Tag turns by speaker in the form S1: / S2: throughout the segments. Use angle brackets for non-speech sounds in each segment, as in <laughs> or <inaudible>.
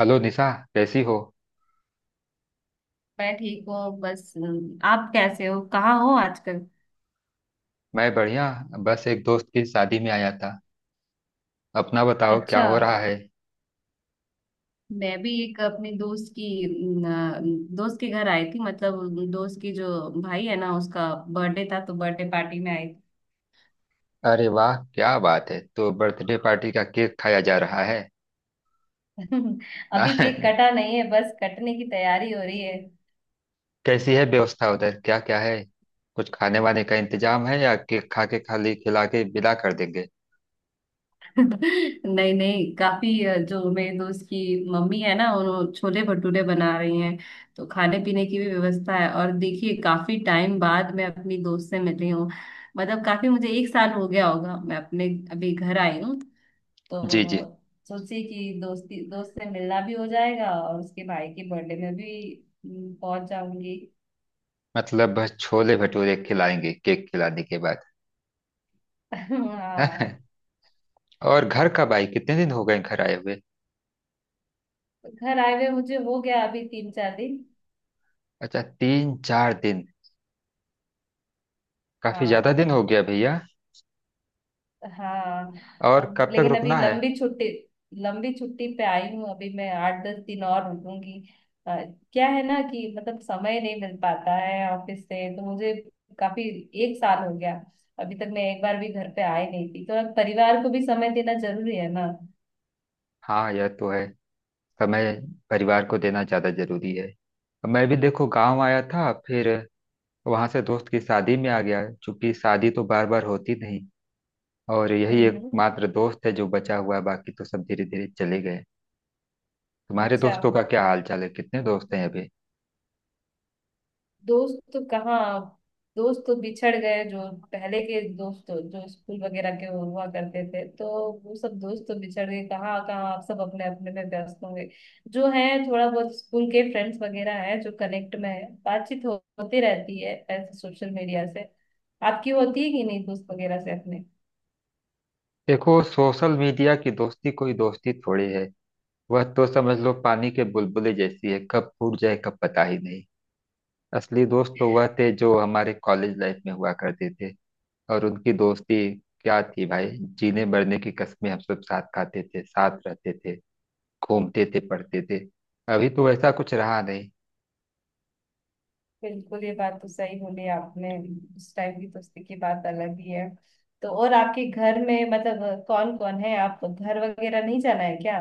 S1: Hello Nisha. कैसी हो?
S2: मैं ठीक हूँ बस आप कैसे हो? कहाँ हो आजकल?
S1: मैं बढ़िया। बस एक दोस्त की शादी में आया था। अपना बताओ क्या
S2: अच्छा।
S1: हो रहा है?
S2: मैं भी एक अपने दोस्त की अ, दोस्त के घर आई थी। मतलब दोस्त की जो भाई है ना, उसका बर्थडे था तो बर्थडे पार्टी में आई थी।
S1: अरे वाह क्या बात है! तो बर्थडे पार्टी का केक खाया जा रहा है?
S2: <laughs>
S1: ना। <laughs>
S2: अभी केक कटा नहीं है, बस कटने की तैयारी हो रही है।
S1: कैसी है व्यवस्था उधर, क्या क्या है? कुछ खाने वाने का इंतजाम है या केक खा के खाली खिला के विदा कर देंगे?
S2: नहीं नहीं, काफी जो मेरे दोस्त की मम्मी है ना, उन्होंने छोले भटूरे बना रही हैं। तो खाने पीने की भी व्यवस्था है, और देखिए काफी टाइम बाद मैं अपनी दोस्त से मिली हूँ। मतलब काफी, मुझे एक साल हो गया होगा, मैं अपने अभी घर आई हूँ।
S1: जी जी।
S2: तो सोची कि दोस्त से मिलना भी हो जाएगा, और उसके भाई के बर्थडे में भी पहुंच जाऊंगी।
S1: मतलब बस छोले भटूरे खिलाएंगे केक खिलाने के बाद?
S2: <laughs> हाँ।
S1: <laughs> और घर कब आई, कितने दिन हो गए घर आए हुए?
S2: घर आए हुए मुझे हो गया अभी 3-4 दिन।
S1: अच्छा तीन चार दिन। काफी ज्यादा
S2: हाँ,
S1: दिन हो गया भैया।
S2: हाँ।
S1: और
S2: अब
S1: कब तक
S2: लेकिन अभी
S1: रुकना है?
S2: लंबी छुट्टी पे आई हूँ, अभी मैं 8-10 दिन और रुकूंगी। अ, क्या है ना कि मतलब समय नहीं मिल पाता है ऑफिस से, तो मुझे काफी, एक साल हो गया। अभी तक मैं एक बार भी घर पे आई नहीं थी, तो अब परिवार को भी समय देना जरूरी है ना।
S1: हाँ यह तो है। समय परिवार को देना ज्यादा जरूरी है। मैं भी देखो गांव आया था, फिर वहां से दोस्त की शादी में आ गया, चूंकि शादी तो बार बार होती नहीं। और यही
S2: हम्म, हम्म।
S1: एकमात्र दोस्त है जो बचा हुआ है, बाकी तो सब धीरे धीरे चले गए। तुम्हारे
S2: अच्छा।
S1: दोस्तों का क्या हाल चाल है, कितने दोस्त हैं अभी?
S2: दोस्त तो कहाँ, दोस्त तो बिछड़ गए। जो पहले के दोस्त जो स्कूल वगैरह के हुआ करते थे, तो वो सब दोस्त तो बिछड़ गए कहाँ कहाँ, आप सब अपने अपने में व्यस्त होंगे। जो है थोड़ा बहुत स्कूल के फ्रेंड्स वगैरह है, जो कनेक्ट में है, बातचीत होती रहती है ऐसे सोशल मीडिया से। आपकी होती है कि नहीं दोस्त वगैरह से अपने?
S1: देखो सोशल मीडिया की दोस्ती कोई दोस्ती थोड़ी है। वह तो समझ लो पानी के बुलबुले जैसी है, कब फूट जाए कब पता ही नहीं। असली दोस्त तो वह थे जो हमारे कॉलेज लाइफ में हुआ करते थे। और उनकी दोस्ती क्या थी भाई, जीने मरने की कस्में। हम सब साथ खाते थे, साथ रहते थे, घूमते थे, पढ़ते थे। अभी तो ऐसा कुछ रहा नहीं।
S2: बिल्कुल, ये बात तो सही बोली आपने। उस टाइम की दोस्ती की बात अलग ही है। तो और आपके घर में मतलब कौन कौन है? आप घर वगैरह नहीं जाना है क्या?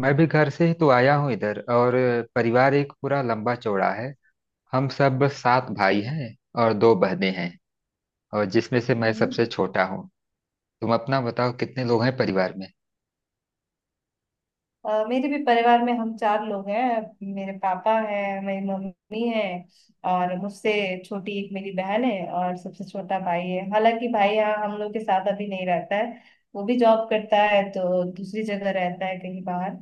S1: मैं भी घर से ही तो आया हूँ इधर। और परिवार एक पूरा लंबा चौड़ा है। हम सब सात भाई हैं और दो बहनें हैं, और जिसमें से मैं
S2: हम्म।
S1: सबसे छोटा हूँ। तुम अपना बताओ कितने लोग हैं परिवार में?
S2: मेरे भी परिवार में हम चार लोग हैं। मेरे पापा है, मेरी मम्मी है, और मुझसे छोटी एक मेरी बहन है, और सबसे छोटा भाई है। हालांकि भाई यहाँ हम लोग के साथ अभी नहीं रहता है। वो भी जॉब करता है तो दूसरी जगह रहता है, कहीं बाहर।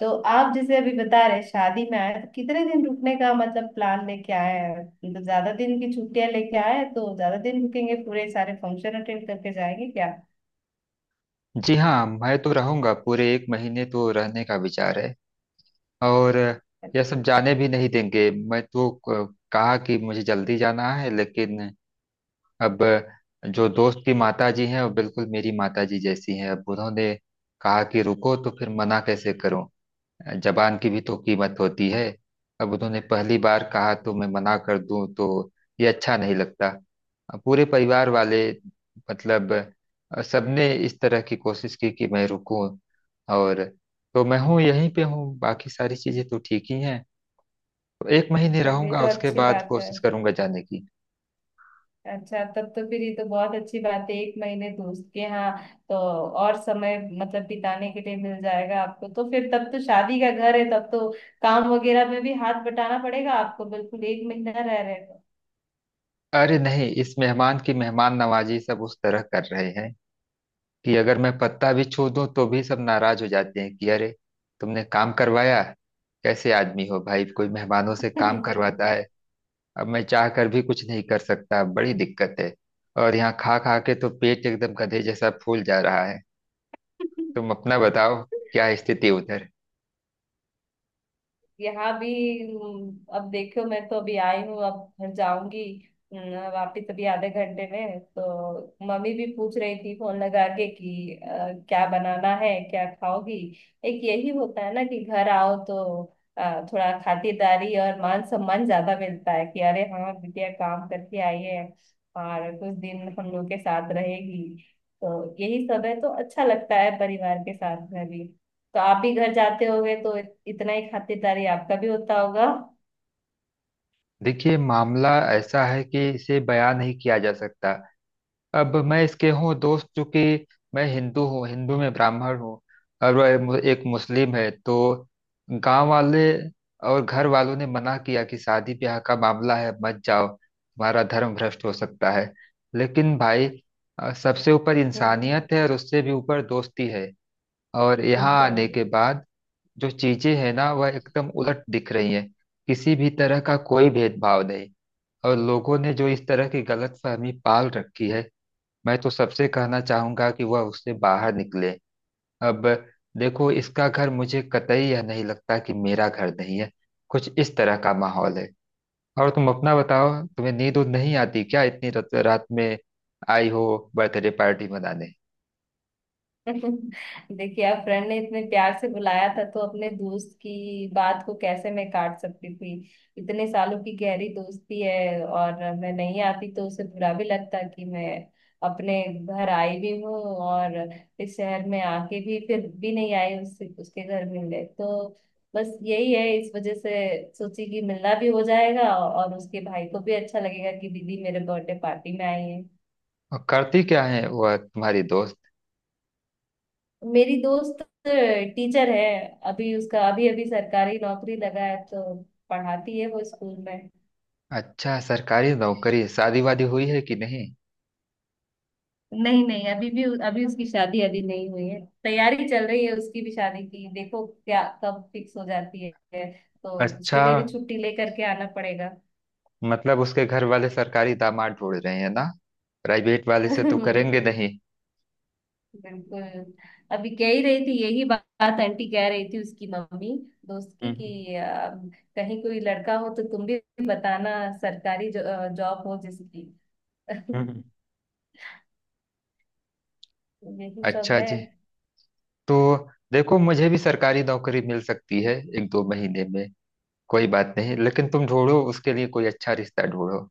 S2: तो आप जैसे अभी बता रहे शादी में आए, तो कितने दिन रुकने का मतलब प्लान लेके आए हैं? मतलब ज्यादा दिन की छुट्टियां लेके आए हैं, तो ज्यादा दिन रुकेंगे, पूरे सारे फंक्शन अटेंड करके जाएंगे क्या?
S1: जी हाँ मैं तो रहूंगा, पूरे एक महीने तो रहने का विचार है। और यह सब जाने भी नहीं देंगे। मैं तो कहा कि मुझे जल्दी जाना है, लेकिन अब जो दोस्त की माता जी हैं वो बिल्कुल मेरी माता जी जैसी हैं। अब उन्होंने कहा कि रुको, तो फिर मना कैसे करूं? जबान की भी तो कीमत होती है। अब उन्होंने पहली बार कहा तो मैं मना कर दूं तो ये अच्छा नहीं लगता। अब पूरे परिवार वाले, मतलब, सबने इस तरह की कोशिश की कि मैं रुकूं। और तो मैं हूँ यहीं पे हूँ, बाकी सारी चीजें तो ठीक ही हैं। तो एक महीने
S2: तो ये
S1: रहूंगा,
S2: तो
S1: उसके
S2: अच्छी
S1: बाद
S2: बात है।
S1: कोशिश करूंगा जाने की।
S2: अच्छा, तब तो फिर ये तो बहुत अच्छी बात है, एक महीने दोस्त के यहाँ। तो और समय मतलब बिताने के लिए मिल जाएगा आपको, तो फिर तब तो शादी का घर है, तब तो काम वगैरह में भी हाथ बटाना पड़ेगा आपको, बिल्कुल एक महीना रह रहे
S1: अरे नहीं, इस मेहमान की मेहमान नवाजी सब उस तरह कर रहे हैं कि अगर मैं पत्ता भी छू दूं तो भी सब नाराज हो जाते हैं कि अरे, तुमने काम करवाया, कैसे आदमी हो भाई, कोई मेहमानों से
S2: हो।
S1: काम करवाता है। अब मैं चाह कर भी कुछ नहीं कर सकता, बड़ी दिक्कत है। और यहाँ खा खा के तो पेट एकदम गधे जैसा फूल जा रहा है। तुम अपना बताओ
S2: <laughs>
S1: क्या स्थिति उधर?
S2: यहाँ भी। अब देखो मैं तो अभी आई हूँ, अब घर जाऊंगी वापिस। अभी आधे घंटे में तो मम्मी भी पूछ रही थी फोन लगा के कि क्या बनाना है, क्या खाओगी। एक यही होता है ना कि घर आओ तो थोड़ा खातिरदारी और मान सम्मान ज्यादा मिलता है कि अरे हाँ, बिटिया काम करके आई है, और कुछ दिन हम लोग के साथ रहेगी। तो यही सब है, तो अच्छा लगता है परिवार के साथ में भी। तो आप भी घर जाते होगे तो इतना ही खातिरदारी आपका भी होता होगा।
S1: देखिए मामला ऐसा है कि इसे बयान नहीं किया जा सकता। अब मैं इसके हूँ दोस्त, चूंकि मैं हिंदू हूँ, हिंदू में ब्राह्मण हूँ, और वह एक मुस्लिम है। तो गांव वाले और घर वालों ने मना किया कि शादी ब्याह का मामला है, मत जाओ, तुम्हारा धर्म भ्रष्ट हो सकता है। लेकिन भाई, सबसे ऊपर
S2: हम्म,
S1: इंसानियत है और उससे भी ऊपर दोस्ती है। और यहाँ आने
S2: बिल्कुल।
S1: के बाद जो चीजें हैं ना वह एकदम उलट दिख रही हैं। किसी भी तरह का कोई भेदभाव नहीं। और लोगों ने जो इस तरह की गलतफहमी पाल रखी है, मैं तो सबसे कहना चाहूंगा कि वह उससे बाहर निकले। अब देखो इसका घर मुझे कतई यह नहीं लगता कि मेरा घर नहीं है, कुछ इस तरह का माहौल है। और तुम अपना बताओ, तुम्हें नींद उद नहीं आती क्या इतनी रात में आई हो बर्थडे पार्टी मनाने?
S2: <laughs> देखिए, आप फ्रेंड ने इतने प्यार से बुलाया था तो अपने दोस्त की बात को कैसे मैं काट सकती थी। इतने सालों की गहरी दोस्ती है, और मैं नहीं आती तो उसे बुरा भी लगता कि मैं अपने घर आई भी हूँ, और इस शहर में आके भी फिर भी नहीं आई उससे उसके घर मिलने। तो बस यही है इस वजह से। सोची कि मिलना भी हो जाएगा और उसके भाई को भी अच्छा लगेगा कि दीदी मेरे बर्थडे पार्टी में आई।
S1: और करती क्या है वह तुम्हारी दोस्त?
S2: मेरी दोस्त टीचर है। अभी उसका अभी अभी सरकारी नौकरी लगा है, तो पढ़ाती है वो स्कूल में।
S1: अच्छा सरकारी नौकरी, शादी वादी हुई है कि नहीं?
S2: नहीं नहीं, अभी भी अभी उसकी शादी अभी नहीं हुई है, तैयारी चल रही है उसकी भी शादी की, देखो क्या कब फिक्स हो जाती है, तो उसके
S1: अच्छा
S2: लिए भी छुट्टी लेकर के आना पड़ेगा।
S1: मतलब उसके घर वाले सरकारी दामाद ढूंढ रहे हैं ना, प्राइवेट वाले
S2: <laughs>
S1: से तो
S2: बिल्कुल।
S1: करेंगे नहीं।
S2: अभी कह ही रही थी, यही बात आंटी कह रही थी, उसकी मम्मी, दोस्त की,
S1: हम्म
S2: कि कहीं कोई लड़का हो तो तुम भी बताना, सरकारी जॉब हो जिसकी।
S1: हम्म
S2: <laughs>
S1: हम्म।
S2: यही सब
S1: अच्छा
S2: है।
S1: जी। तो देखो मुझे भी सरकारी नौकरी मिल सकती है एक दो महीने में, कोई बात नहीं, लेकिन तुम ढूंढो उसके लिए कोई अच्छा रिश्ता ढूंढो।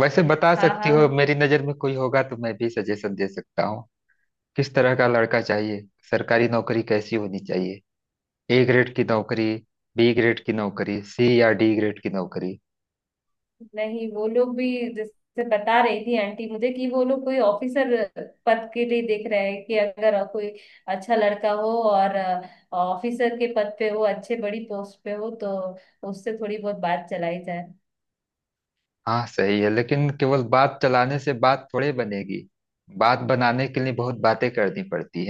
S1: वैसे बता
S2: हाँ,
S1: सकती हो,
S2: हाँ।
S1: मेरी नजर में कोई होगा तो मैं भी सजेशन दे सकता हूँ। किस तरह का लड़का चाहिए, सरकारी नौकरी कैसी होनी चाहिए? ए ग्रेड की नौकरी, बी ग्रेड की नौकरी, सी या डी ग्रेड की नौकरी?
S2: नहीं, वो लोग भी जैसे बता रही थी आंटी मुझे कि वो लोग कोई ऑफिसर पद के लिए देख रहे हैं, कि अगर कोई अच्छा लड़का हो और ऑफिसर के पद पे हो, अच्छे बड़ी पोस्ट पे हो, तो उससे थोड़ी बहुत बात चलाई जाए।
S1: हाँ सही है, लेकिन केवल बात चलाने से बात थोड़े बनेगी। बात बनाने के लिए बहुत बातें करनी पड़ती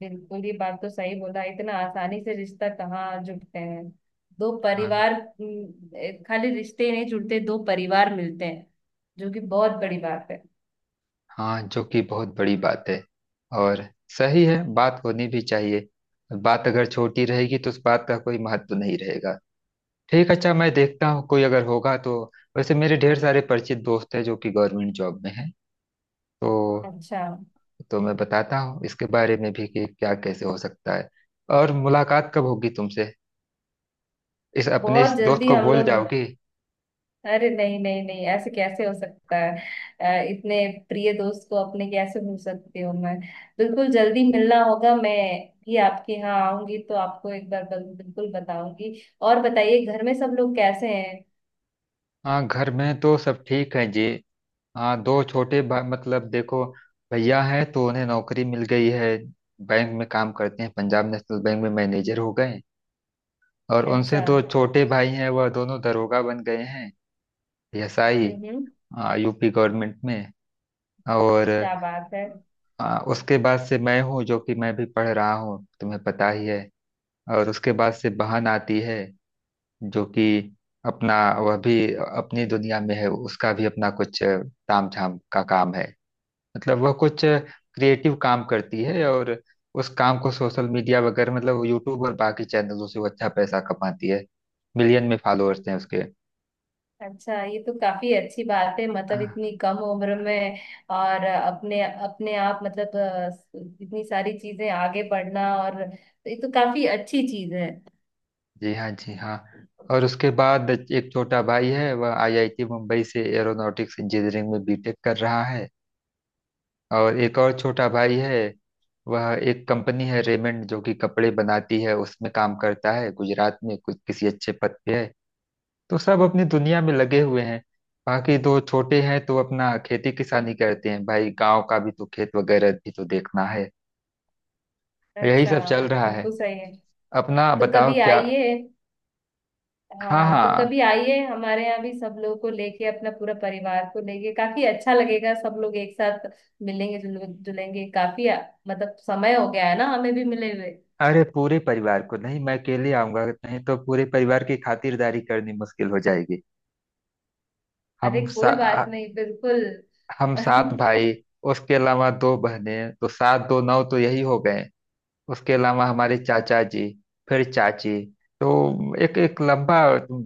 S2: बिल्कुल, ये बात तो सही बोला। इतना आसानी से रिश्ता कहाँ जुड़ते हैं दो
S1: है।
S2: परिवार? खाली रिश्ते ही नहीं जुड़ते, दो परिवार मिलते हैं, जो कि बहुत बड़ी बात है।
S1: हाँ, जो कि बहुत बड़ी बात है। और सही है, बात होनी भी चाहिए। बात अगर छोटी रहेगी तो उस बात का कोई महत्व नहीं रहेगा। ठीक, अच्छा मैं देखता हूँ कोई अगर होगा तो। वैसे मेरे ढेर सारे परिचित दोस्त हैं जो कि गवर्नमेंट जॉब में हैं। तो
S2: अच्छा।
S1: तो मैं बताता हूँ इसके बारे में भी कि क्या कैसे हो सकता है। और मुलाकात कब होगी तुमसे? इस अपने इस
S2: बहुत
S1: दोस्त
S2: जल्दी
S1: को
S2: हम
S1: भूल
S2: लोग।
S1: जाओगी?
S2: अरे नहीं नहीं नहीं, ऐसे कैसे हो सकता है? इतने प्रिय दोस्त को अपने कैसे भूल सकती हूँ मैं? बिल्कुल, जल्दी मिलना होगा। मैं भी आपके यहाँ आऊंगी तो आपको एक बार बिल्कुल बताऊंगी। और बताइए घर में सब लोग कैसे हैं?
S1: हाँ घर में तो सब ठीक है जी। हाँ, दो छोटे मतलब देखो, भैया हैं तो उन्हें नौकरी मिल गई है, बैंक में काम करते हैं, पंजाब नेशनल बैंक में मैनेजर हो गए। और उनसे
S2: अच्छा।
S1: दो छोटे भाई हैं, वह दोनों दरोगा बन गए हैं। एएसआई,
S2: हम्म, हम्म।
S1: यूपी गवर्नमेंट में। और
S2: क्या बात है?
S1: उसके बाद से मैं हूँ, जो कि मैं भी पढ़ रहा हूँ तुम्हें पता ही है। और उसके बाद से बहन आती है, जो कि अपना, वह भी अपनी दुनिया में है, उसका भी अपना कुछ तामझाम का काम है। मतलब वह कुछ क्रिएटिव काम करती है, और उस काम को सोशल मीडिया वगैरह, मतलब यूट्यूब और बाकी चैनलों से वो अच्छा पैसा कमाती है। मिलियन में फॉलोअर्स हैं उसके।
S2: अच्छा, ये तो काफी अच्छी बात है, मतलब
S1: हाँ,
S2: इतनी कम उम्र में। और अपने अपने आप मतलब इतनी सारी चीजें आगे बढ़ना, और तो ये तो काफी अच्छी चीज है।
S1: जी हाँ जी हाँ। और उसके बाद एक छोटा भाई है, वह आईआईटी मुंबई से एरोनॉटिक्स इंजीनियरिंग में बीटेक कर रहा है। और एक और छोटा भाई है, वह एक कंपनी है रेमंड जो कि कपड़े बनाती है, उसमें काम करता है, गुजरात में कुछ किसी अच्छे पद पे है। तो सब अपनी दुनिया में लगे हुए हैं। बाकी दो छोटे हैं तो अपना खेती किसानी करते हैं, भाई गांव का भी तो खेत वगैरह भी तो देखना है। यही
S2: अच्छा,
S1: सब चल रहा है।
S2: बिल्कुल सही है।
S1: अपना
S2: तो
S1: बताओ
S2: कभी
S1: क्या?
S2: आइए।
S1: हाँ
S2: हाँ, तो
S1: हाँ।
S2: कभी आइए हमारे यहाँ भी, सब लोगों को लेके, अपना पूरा परिवार को लेके, काफी अच्छा लगेगा सब लोग एक साथ मिलेंगे जुलेंगे। काफी मतलब समय हो गया है ना हमें भी मिले हुए।
S1: अरे पूरे परिवार को नहीं, मैं अकेले आऊंगा, नहीं तो पूरे परिवार की खातिरदारी करनी मुश्किल हो जाएगी।
S2: अरे
S1: हम सा,
S2: कोई बात नहीं, बिल्कुल।
S1: हम सात भाई, उसके अलावा दो बहनें, तो सात दो नौ तो यही हो गए। उसके अलावा हमारे चाचा जी, फिर चाची, तो एक एक लंबा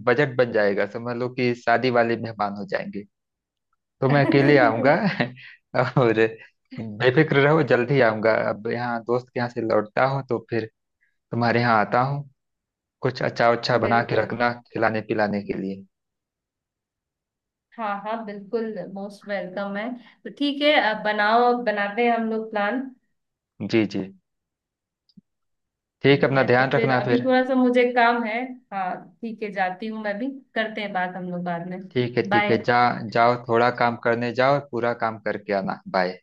S1: बजट बन जाएगा, समझ लो कि शादी वाले मेहमान हो जाएंगे। तो मैं अकेले आऊंगा।
S2: <laughs>
S1: <laughs> और बेफिक्र रहो, जल्दी आऊंगा। अब यहाँ दोस्त के यहाँ से लौटता हूँ तो फिर तुम्हारे यहाँ आता हूँ। कुछ अच्छा अच्छा बना के
S2: बिल्कुल।
S1: रखना खिलाने पिलाने के लिए।
S2: हाँ, हाँ, बिल्कुल मोस्ट वेलकम है। तो ठीक है, अब बनाते हैं हम लोग प्लान।
S1: जी जी। ठीक है,
S2: ठीक
S1: अपना
S2: है, तो
S1: ध्यान
S2: फिर
S1: रखना
S2: अभी
S1: फिर।
S2: थोड़ा सा मुझे काम है। हाँ, ठीक है, जाती हूँ मैं भी। करते हैं बात हम लोग बाद में।
S1: ठीक
S2: बाय।
S1: है जा। जाओ थोड़ा काम करने जाओ, पूरा काम करके आना। बाय।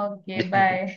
S2: Okay,
S1: <laughs>
S2: bye.
S1: जी।